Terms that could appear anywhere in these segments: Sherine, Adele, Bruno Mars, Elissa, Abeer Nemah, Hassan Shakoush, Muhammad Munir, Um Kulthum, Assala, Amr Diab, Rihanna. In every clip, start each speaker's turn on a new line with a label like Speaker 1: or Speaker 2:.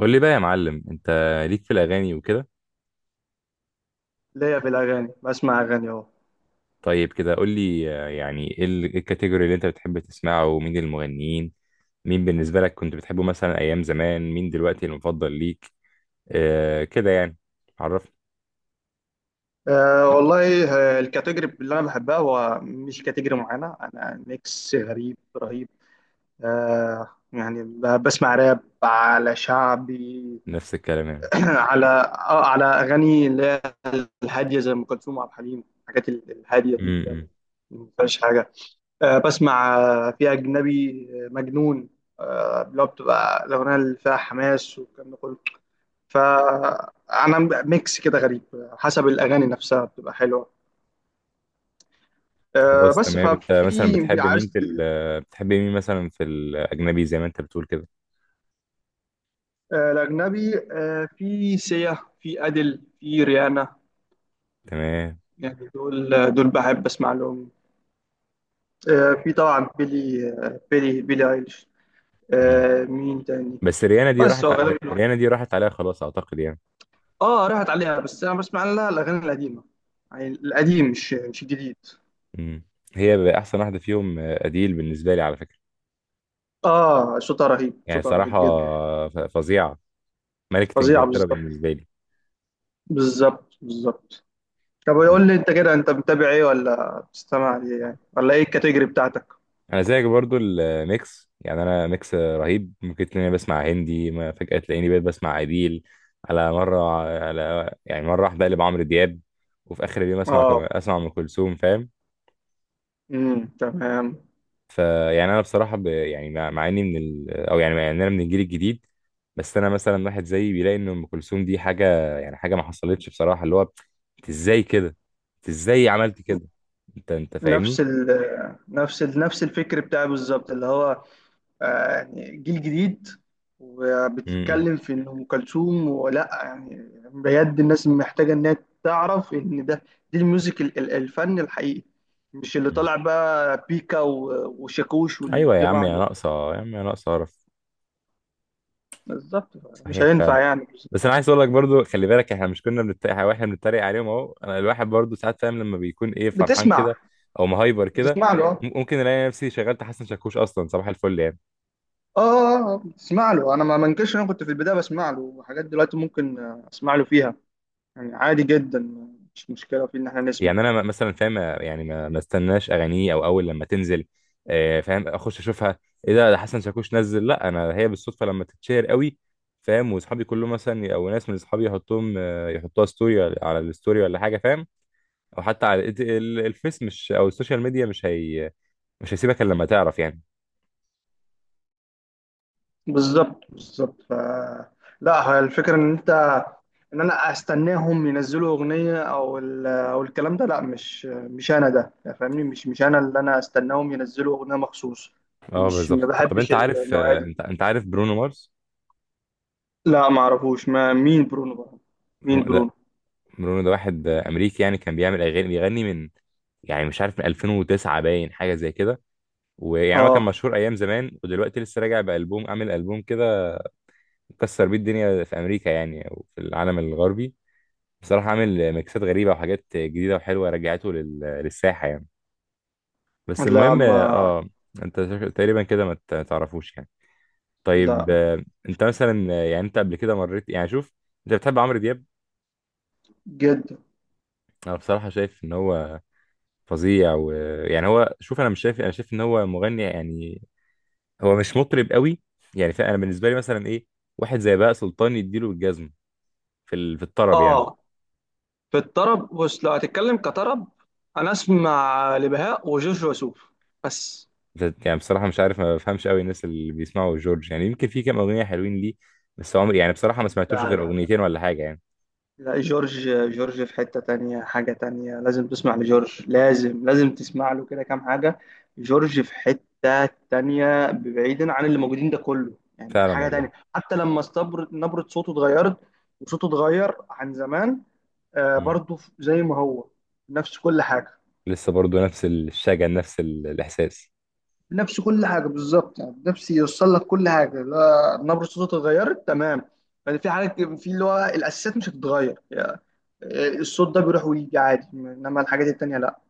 Speaker 1: قول لي بقى يا معلم، انت ليك في الاغاني وكده.
Speaker 2: ليا في الأغاني، بسمع أغاني أهو.
Speaker 1: طيب كده قول لي، يعني ايه إيه الكاتيجوري اللي انت بتحب تسمعه، ومين المغنيين؟ مين بالنسبه لك كنت بتحبه مثلا ايام زمان، مين دلوقتي المفضل ليك؟ آه كده يعني، عرفني.
Speaker 2: أه والله. الكاتيجوري اللي أنا بحبها هو مش كاتيجوري معينة، أنا ميكس غريب رهيب. يعني بسمع راب على شعبي.
Speaker 1: نفس الكلام يعني.
Speaker 2: على أغاني اللي هي الهادية زي أم كلثوم وعبد الحليم، الحاجات الهادية دي
Speaker 1: امم
Speaker 2: اللي
Speaker 1: امم.
Speaker 2: ما فيهاش حاجة. بسمع، في أجنبي، مجنون، اللي هو بتبقى الأغنية اللي فيها حماس والكلام ده كله. فانا ميكس كده غريب، حسب الاغاني نفسها بتبقى حلوه.
Speaker 1: خلاص
Speaker 2: بس
Speaker 1: تمام، انت مثلا
Speaker 2: ففي
Speaker 1: بتحب مين
Speaker 2: عايز،
Speaker 1: في بتحب مين مثلا في الاجنبي زي ما انت بتقول كده؟
Speaker 2: الاجنبي، في سيا، في ادل، في ريانا.
Speaker 1: تمام.
Speaker 2: يعني دول بحب اسمع لهم. في طبعا بيلي ايليش.
Speaker 1: امم.
Speaker 2: مين تاني؟
Speaker 1: بس ريانا دي
Speaker 2: بس
Speaker 1: راحت
Speaker 2: هو غالبا،
Speaker 1: ريانا دي راحت عليها خلاص اعتقد يعني.
Speaker 2: اه راحت عليها بس انا بسمع لها الاغاني القديمه. يعني القديم، مش الجديد.
Speaker 1: امم. هي بقى احسن واحده فيهم، اديل بالنسبه لي على فكره.
Speaker 2: اه، صوتها رهيب،
Speaker 1: يعني
Speaker 2: صوتها رهيب
Speaker 1: صراحة،
Speaker 2: جدا.
Speaker 1: فظيعة، ملكة
Speaker 2: فظيعه
Speaker 1: انجلترا
Speaker 2: بالظبط،
Speaker 1: بالنسبة لي.
Speaker 2: بالظبط بالظبط. طب قول
Speaker 1: مم.
Speaker 2: لي انت كده، انت متابع ايه، ولا بتستمع ليه يعني، ولا ايه الكاتيجوري بتاعتك؟
Speaker 1: انا زيك برضو الميكس، يعني انا ميكس رهيب، ممكن تلاقيني بسمع هندي ما فجأة تلاقيني بقيت بسمع عبيل، على مرة، على يعني مرة واحدة اقلب عمرو دياب، وفي اخر اليوم اسمع
Speaker 2: اه،
Speaker 1: اسمع ام كلثوم، فاهم؟
Speaker 2: امم، تمام.
Speaker 1: فيعني انا بصراحة يعني مع اني من ال... او يعني مع ان انا من الجيل الجديد، بس انا مثلا واحد زيي بيلاقي ان ام كلثوم دي حاجة، يعني حاجة ما حصلتش بصراحة، اللي هو انت ازاي كده، انت ازاي عملت كده، انت
Speaker 2: نفس
Speaker 1: فاهمني؟
Speaker 2: ال نفس الفكر بتاعي بالظبط، اللي هو يعني جيل جديد
Speaker 1: امم.
Speaker 2: وبتتكلم في ان ام كلثوم ولا يعني. بجد الناس محتاجه انها تعرف ان ده، دي الميوزك الفن الحقيقي، مش اللي
Speaker 1: أمم.
Speaker 2: طالع بقى بيكا وشاكوش
Speaker 1: ايوه يا عم،
Speaker 2: والجماعه
Speaker 1: يا
Speaker 2: دول.
Speaker 1: ناقصه يا عم، يا ناقصه قرف.
Speaker 2: بالظبط، مش
Speaker 1: صحيح فعلا.
Speaker 2: هينفع يعني.
Speaker 1: بس انا عايز اقول لك برضو، خلي بالك، احنا مش كنا بنتريق؟ واحنا بنتريق عليهم اهو، انا الواحد برضو ساعات فاهم لما بيكون ايه، فرحان
Speaker 2: بتسمع
Speaker 1: كده او مهايبر كده،
Speaker 2: بتسمع له.
Speaker 1: ممكن الاقي نفسي شغلت حسن شاكوش اصلا صباح الفل يعني.
Speaker 2: اه اسمع له، انا ما منكرش إن انا كنت في البدايه بسمع له حاجات، دلوقتي ممكن اسمع له فيها يعني، عادي جدا. مش مشكله في ان احنا نسمع.
Speaker 1: يعني انا مثلا فاهم، يعني ما استناش اغانيه او اول لما تنزل فاهم اخش اشوفها ايه ده حسن شاكوش نزل، لا، انا هي بالصدفه لما تتشهر قوي فاهم، واصحابي كلهم مثلا او ناس من اصحابي يحطوهم يحطوها ستوري على الستوري ولا حاجه فاهم، او حتى على الفيس، مش او السوشيال ميديا، مش هي مش هيسيبك الا لما تعرف يعني.
Speaker 2: بالظبط بالظبط. لا هي الفكره ان انا استناهم ينزلوا اغنيه او الكلام ده، لا، مش انا ده يعني، فاهمني، مش انا اللي انا استناهم ينزلوا اغنيه مخصوص.
Speaker 1: اه
Speaker 2: مش ما
Speaker 1: بالظبط. طب
Speaker 2: بحبش
Speaker 1: انت عارف،
Speaker 2: النوعيه دي.
Speaker 1: انت عارف برونو مارس؟
Speaker 2: لا ما اعرفوش، ما مين برونو بقى. مين
Speaker 1: برونو ده،
Speaker 2: برونو؟
Speaker 1: واحد امريكي، يعني كان بيعمل اغاني، بيغني من، يعني مش عارف، من 2009 باين حاجه زي كده، ويعني هو كان
Speaker 2: اه.
Speaker 1: مشهور ايام زمان ودلوقتي لسه راجع بالبوم، عامل البوم كده كسر بيه الدنيا في امريكا، يعني او في العالم الغربي. بصراحه عامل ميكسات غريبه وحاجات جديده وحلوه، رجعته للساحه يعني. بس
Speaker 2: لا.
Speaker 1: المهم
Speaker 2: ما
Speaker 1: انت تقريبا كده ما تعرفوش يعني؟
Speaker 2: لا.
Speaker 1: طيب انت مثلا، يعني انت قبل كده مريت، يعني شوف، انت بتحب عمرو دياب.
Speaker 2: جدا.
Speaker 1: انا بصراحة شايف ان هو فظيع، ويعني هو، شوف انا مش شايف، انا شايف ان هو مغني يعني، هو مش مطرب قوي. يعني فانا بالنسبة لي مثلا ايه، واحد زي بقى سلطان يديله الجزم في في الطرب يعني.
Speaker 2: اه، في الطرب، بص لو هتتكلم كطرب انا اسمع لبهاء وجورج وسوف بس.
Speaker 1: يعني بصراحة مش عارف، ما بفهمش قوي الناس اللي بيسمعوا جورج يعني، يمكن في كام اغنية حلوين ليه، بس عمري يعني بصراحة ما سمعتوش
Speaker 2: لا
Speaker 1: غير
Speaker 2: لا،
Speaker 1: اغنيتين ولا حاجة يعني.
Speaker 2: لا جورج، جورج في حتة تانية، حاجة تانية، لازم تسمع لجورج، لازم لازم تسمع له كده كام حاجة. جورج في حتة تانية، بعيدا عن اللي موجودين ده كله، يعني
Speaker 1: فعلا
Speaker 2: حاجة
Speaker 1: والله.
Speaker 2: تانية. حتى لما استبر نبرة صوته اتغيرت وصوته اتغير عن زمان. آه،
Speaker 1: مم.
Speaker 2: برضه زي ما هو، نفس كل حاجة،
Speaker 1: لسه برضو نفس الشجن، نفس الاحساس.
Speaker 2: بنفس كل حاجه بالظبط، يعني بنفس يوصل لك كل حاجه. لا، نبره صوته اتغيرت تمام. يعني في حاجات في اللي هو الاساسيات مش هتتغير يعني، الصوت ده بيروح ويجي عادي، انما الحاجات التانيه لا.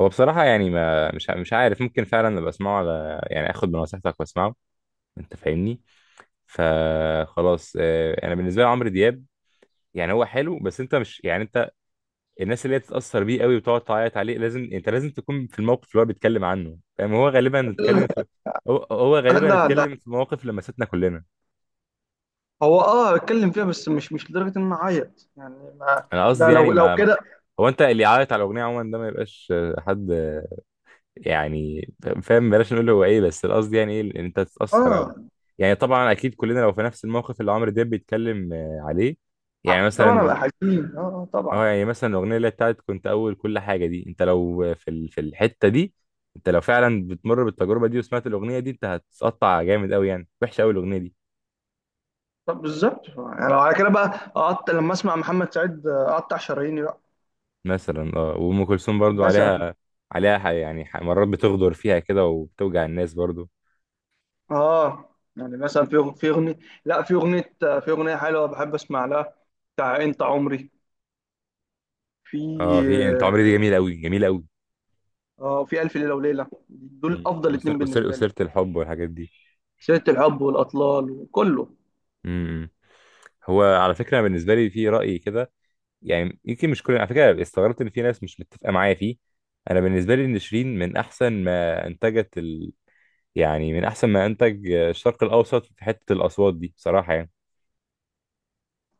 Speaker 1: هو بصراحة يعني ما مش ع- مش عارف، ممكن فعلا ابقى اسمعه، على يعني اخد بنصيحتك واسمعه، انت فاهمني؟ فخلاص، انا بالنسبة لي عمرو دياب يعني هو حلو، بس انت مش يعني انت، الناس اللي هي تتأثر بيه قوي وتقعد تعيط عليه لازم انت، لازم تكون في الموقف اللي هو بيتكلم عنه فاهم، هو غالبا اتكلم في، هو غالبا
Speaker 2: لا لا،
Speaker 1: اتكلم في مواقف لمستنا كلنا.
Speaker 2: هو اه بتكلم فيها، بس مش لدرجه ان انا اعيط يعني، ما
Speaker 1: انا
Speaker 2: ده
Speaker 1: قصدي يعني
Speaker 2: لو كده.
Speaker 1: هو انت اللي يعيط على الاغنية عموما، ده ما يبقاش حد يعني فاهم، بلاش نقول هو ايه، بس القصد يعني ايه، ان انت تتاثر او
Speaker 2: اه
Speaker 1: يعني طبعا اكيد كلنا لو في نفس الموقف اللي عمرو دياب بيتكلم عليه، يعني مثلا
Speaker 2: طبعا ابقى
Speaker 1: الأغنية-،
Speaker 2: حزين، اه، طبعا.
Speaker 1: اه يعني مثلا الاغنيه اللي هي بتاعت كنت اول كل حاجه دي، انت لو في في الحته دي، انت لو فعلا بتمر بالتجربه دي وسمعت الاغنيه دي انت هتتقطع جامد قوي يعني، وحشه قوي الاغنيه دي.
Speaker 2: طب بالظبط يعني، لو على كده بقى اقطع لما اسمع محمد سعيد، اقطع شراييني بقى.
Speaker 1: مثلا اه، وام كلثوم برضو
Speaker 2: مثلا
Speaker 1: عليها، عليها مرات بتغدر فيها كده وبتوجع الناس برضو.
Speaker 2: اه يعني مثلا في في اغنيه، لا في اغنيه، في اغنيه حلوه بحب اسمع لها، بتاع انت عمري. في
Speaker 1: اه، في انت عمري دي، جميل قوي جميل قوي،
Speaker 2: اه، في الف ليله وليله، دول افضل اتنين
Speaker 1: وسيرة
Speaker 2: بالنسبه لي.
Speaker 1: وسيرة الحب والحاجات دي.
Speaker 2: سيره الحب والاطلال وكله.
Speaker 1: امم. هو على فكره بالنسبه لي في راي كده، يعني يمكن مش كل، على فكره استغربت ان في ناس مش متفقه معايا فيه، انا بالنسبه لي ان شيرين من احسن ما انتجت يعني من احسن ما انتج الشرق الاوسط في حته الاصوات دي بصراحه يعني.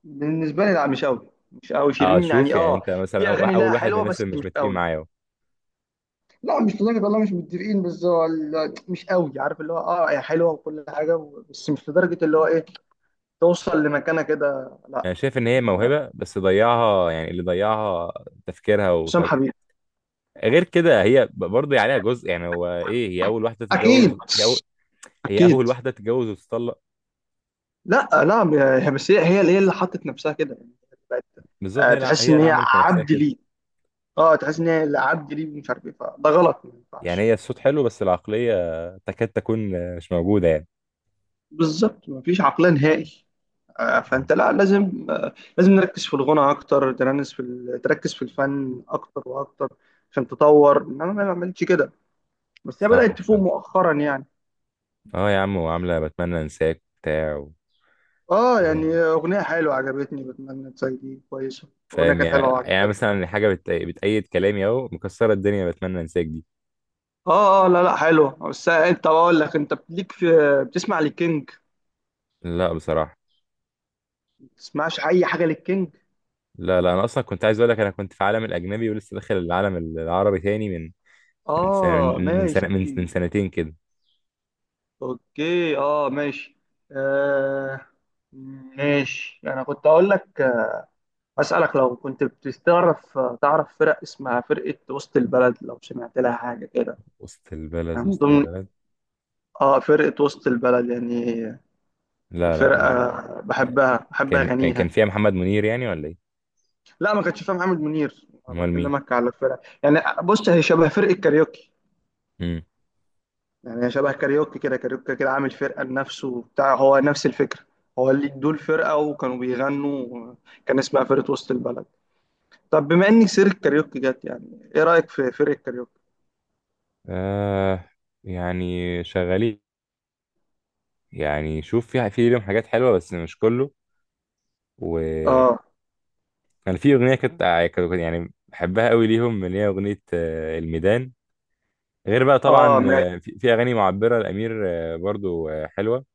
Speaker 2: بالنسبه لي لا، مش قوي، مش قوي
Speaker 1: اه
Speaker 2: شيرين
Speaker 1: شوف
Speaker 2: يعني،
Speaker 1: يعني
Speaker 2: اه،
Speaker 1: انت مثلا
Speaker 2: في اغاني
Speaker 1: اول
Speaker 2: لها
Speaker 1: واحد من
Speaker 2: حلوه
Speaker 1: الناس
Speaker 2: بس
Speaker 1: اللي مش
Speaker 2: مش
Speaker 1: متفقين
Speaker 2: قوي.
Speaker 1: معايا أهو.
Speaker 2: لا مش لدرجه والله مش متفقين، بس هو مش قوي، عارف اللي هو اه هي حلوه وكل حاجه بس مش لدرجه اللي هو ايه توصل لمكانه كده، لا.
Speaker 1: انا شايف ان هي
Speaker 2: ما-
Speaker 1: موهبه بس ضيعها، يعني اللي ضيعها تفكيرها
Speaker 2: حسام
Speaker 1: وطريقه.
Speaker 2: حبيب.
Speaker 1: غير كده هي برضه عليها جزء، يعني هو ايه، هي اول واحده
Speaker 2: اكيد
Speaker 1: تتجوز، هي هي اول
Speaker 2: اكيد.
Speaker 1: واحده تتجوز وتطلق.
Speaker 2: لا لا، بس هي اللي حطت نفسها كده يعني، بقت
Speaker 1: بالظبط، هي
Speaker 2: تحس
Speaker 1: هي
Speaker 2: ان
Speaker 1: اللي
Speaker 2: هي
Speaker 1: عملت في نفسها
Speaker 2: عبد
Speaker 1: كده
Speaker 2: ليه. اه تحس ان هي اللي عبد ليه ومش عارف ايه، فده غلط ما
Speaker 1: يعني،
Speaker 2: ينفعش.
Speaker 1: هي الصوت حلو بس العقلية تكاد تكون مش موجودة يعني.
Speaker 2: بالظبط، مفيش عقلية نهائي.
Speaker 1: مم.
Speaker 2: فانت لا، لازم، لازم نركز في الغنى اكتر، تركز في الفن اكتر واكتر، عشان تطور، انما ما عملتش كده. بس هي
Speaker 1: صح
Speaker 2: بدأت تفوق
Speaker 1: فعلا.
Speaker 2: مؤخرا يعني.
Speaker 1: اه يا عم، وعاملة بتمنى انساك وبتاع
Speaker 2: اه
Speaker 1: كده
Speaker 2: يعني
Speaker 1: يعني
Speaker 2: اغنية حلوة عجبتني، بتمنى تسيدي كويسة. اغنية
Speaker 1: فاهم،
Speaker 2: كانت
Speaker 1: يعني
Speaker 2: حلوة.
Speaker 1: يعني مثلا حاجة بتأيد كلامي اهو، مكسرة الدنيا بتمنى انساك دي.
Speaker 2: اه اه لا لا، حلو بس انت بقول لك، انت ليك في، بتسمع للكينج؟
Speaker 1: لا بصراحة.
Speaker 2: ما بتسمعش اي حاجه للكينج؟
Speaker 1: لا لا، انا اصلا كنت عايز اقول لك انا كنت في العالم الاجنبي ولسه داخل العالم العربي تاني من، من سنة
Speaker 2: اه
Speaker 1: من من سنة من,
Speaker 2: ماشي.
Speaker 1: من سنتين كده.
Speaker 2: اوكي اه ماشي. آه ماشي، انا كنت اقول لك، اسالك، لو كنت بتعرف، تعرف فرق اسمها فرقه وسط البلد، لو سمعت لها حاجه كده،
Speaker 1: وسط البلد،
Speaker 2: من
Speaker 1: وسط
Speaker 2: ضمن.
Speaker 1: البلد.
Speaker 2: اه فرقه وسط البلد يعني،
Speaker 1: لا لا
Speaker 2: فرقه بحبها، بحب
Speaker 1: كان كان
Speaker 2: اغانيها.
Speaker 1: كان فيها محمد منير يعني ولا ايه؟
Speaker 2: لا ما كنتش فاهم محمد منير، انا
Speaker 1: امال مين؟
Speaker 2: بكلمك على الفرق يعني، بص هي شبه فرقه كاريوكي.
Speaker 1: مم.
Speaker 2: يعني هي شبه كاريوكي كده، كاريوكي كده عامل فرقة لنفسه وبتاع، هو نفس الفكرة. هو اللي دول فرقة وكانوا بيغنوا، كان اسمها فرقة وسط البلد. طب بما إني سيرة كاريوكي جت، يعني إيه رأيك في فرقة كاريوكي؟
Speaker 1: آه، يعني شغال، يعني شوف في ليهم حاجات حلوة بس مش كله، وأنا،
Speaker 2: آه
Speaker 1: في أغنية يعني بحبها قوي ليهم، اللي هي أغنية الميدان، غير بقى
Speaker 2: آه
Speaker 1: طبعا
Speaker 2: ماشي.
Speaker 1: في أغاني معبرة، الأمير برضو حلوة.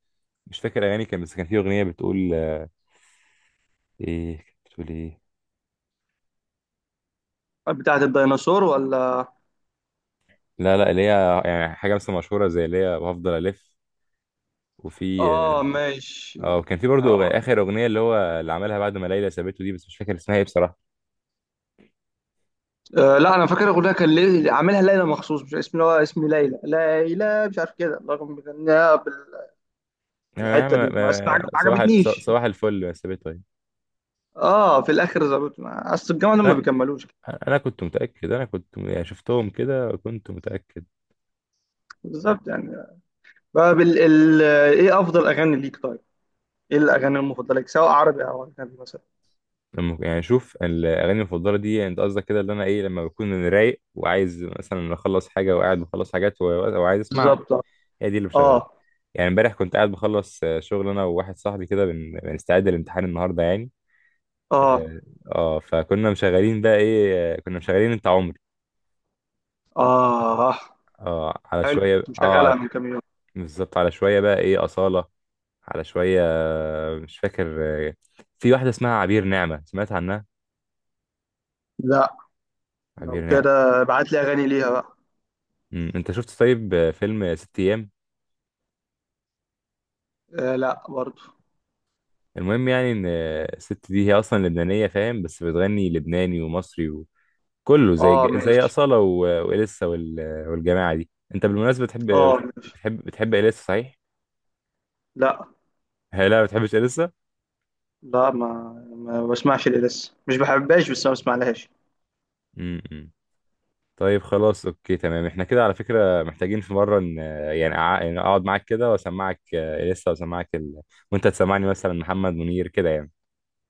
Speaker 1: مش فاكر أغاني كان، بس كان في أغنية بتقول إيه كانت بتقول إيه؟
Speaker 2: بتاعة الديناصور ولا؟
Speaker 1: لا لا، اللي هي يعني حاجة مثلا مشهورة زي اللي هي بفضل ألف، وفي
Speaker 2: آه
Speaker 1: اه
Speaker 2: ماشي.
Speaker 1: وكان في برضو
Speaker 2: آه،
Speaker 1: آخر أغنية اللي هو اللي عملها بعد ما ليلى سابته دي، بس مش فاكر اسمها إيه بصراحة.
Speaker 2: لا أنا فاكر الأغنية، كان ليه عاملها ليلى مخصوص، مش اسم اللي هو اسم ليلى، ليلى مش عارف كده، رغم بيغنيها
Speaker 1: يعني أنا
Speaker 2: بالحتة دي، بس ما عجبتنيش.
Speaker 1: صباح الفل يا سبيتو يعني.
Speaker 2: اه في الاخر ظبط، اصل الجامعه دول ما
Speaker 1: انا
Speaker 2: بيكملوش.
Speaker 1: انا كنت متاكد، انا كنت يعني شفتهم كده كنت متاكد.
Speaker 2: بالظبط يعني. بقى بال... ال... ايه افضل اغاني ليك طيب؟ ايه الاغاني المفضله ليك سواء عربي او اجنبي مثلا؟
Speaker 1: لما يعني شوف الاغاني المفضله دي يعني انت قصدك كده اللي انا ايه، لما بكون رايق وعايز مثلا اخلص حاجه وقاعد بخلص حاجات وعايز اسمع،
Speaker 2: بالظبط. اه.
Speaker 1: هي دي اللي بشغلها.
Speaker 2: اه
Speaker 1: يعني امبارح كنت قاعد بخلص شغل انا وواحد صاحبي كده بنستعد للامتحان النهارده يعني.
Speaker 2: اه.
Speaker 1: اه فكنا مشغلين بقى ايه كنا مشغلين انت عمري.
Speaker 2: آه.
Speaker 1: اه على
Speaker 2: حلو،
Speaker 1: شويه،
Speaker 2: كنت
Speaker 1: اه
Speaker 2: مشغلها من كام يوم.
Speaker 1: بالظبط على شويه بقى ايه اصاله، على شوية، مش فاكر. في واحدة اسمها عبير نعمة، سمعت عنها؟
Speaker 2: لا لو
Speaker 1: عبير نعمة.
Speaker 2: كده ابعت لي اغاني ليها بقى.
Speaker 1: مم. انت شفت طيب فيلم ست ايام؟
Speaker 2: آه لا برضو.
Speaker 1: المهم يعني ان الست دي هي اصلا لبنانية فاهم، بس بتغني لبناني ومصري، وكله زي
Speaker 2: اه
Speaker 1: زي
Speaker 2: ماشي.
Speaker 1: أصالة وإليسا والجماعة دي. انت بالمناسبة بتحب بتحب
Speaker 2: اه ماشي.
Speaker 1: بتحب, بتحب إليسا صحيح؟
Speaker 2: لا
Speaker 1: هي لا، ما بتحبش إليسا؟
Speaker 2: لا، ما بسمعش ليه لسه، مش بحبهاش بس ما بسمعلهاش.
Speaker 1: مم. طيب خلاص، اوكي تمام، احنا كده على فكرة محتاجين في مرة ان يعني يعني اقعد معاك كده واسمعك لسه، واسمعك وانت تسمعني مثلا محمد منير كده يعني.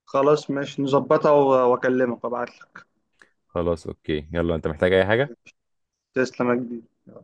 Speaker 2: خلاص ماشي، نظبطها واكلمك وابعت لك.
Speaker 1: خلاص اوكي يلا، انت محتاج اي حاجة؟
Speaker 2: تسلم يا كبير.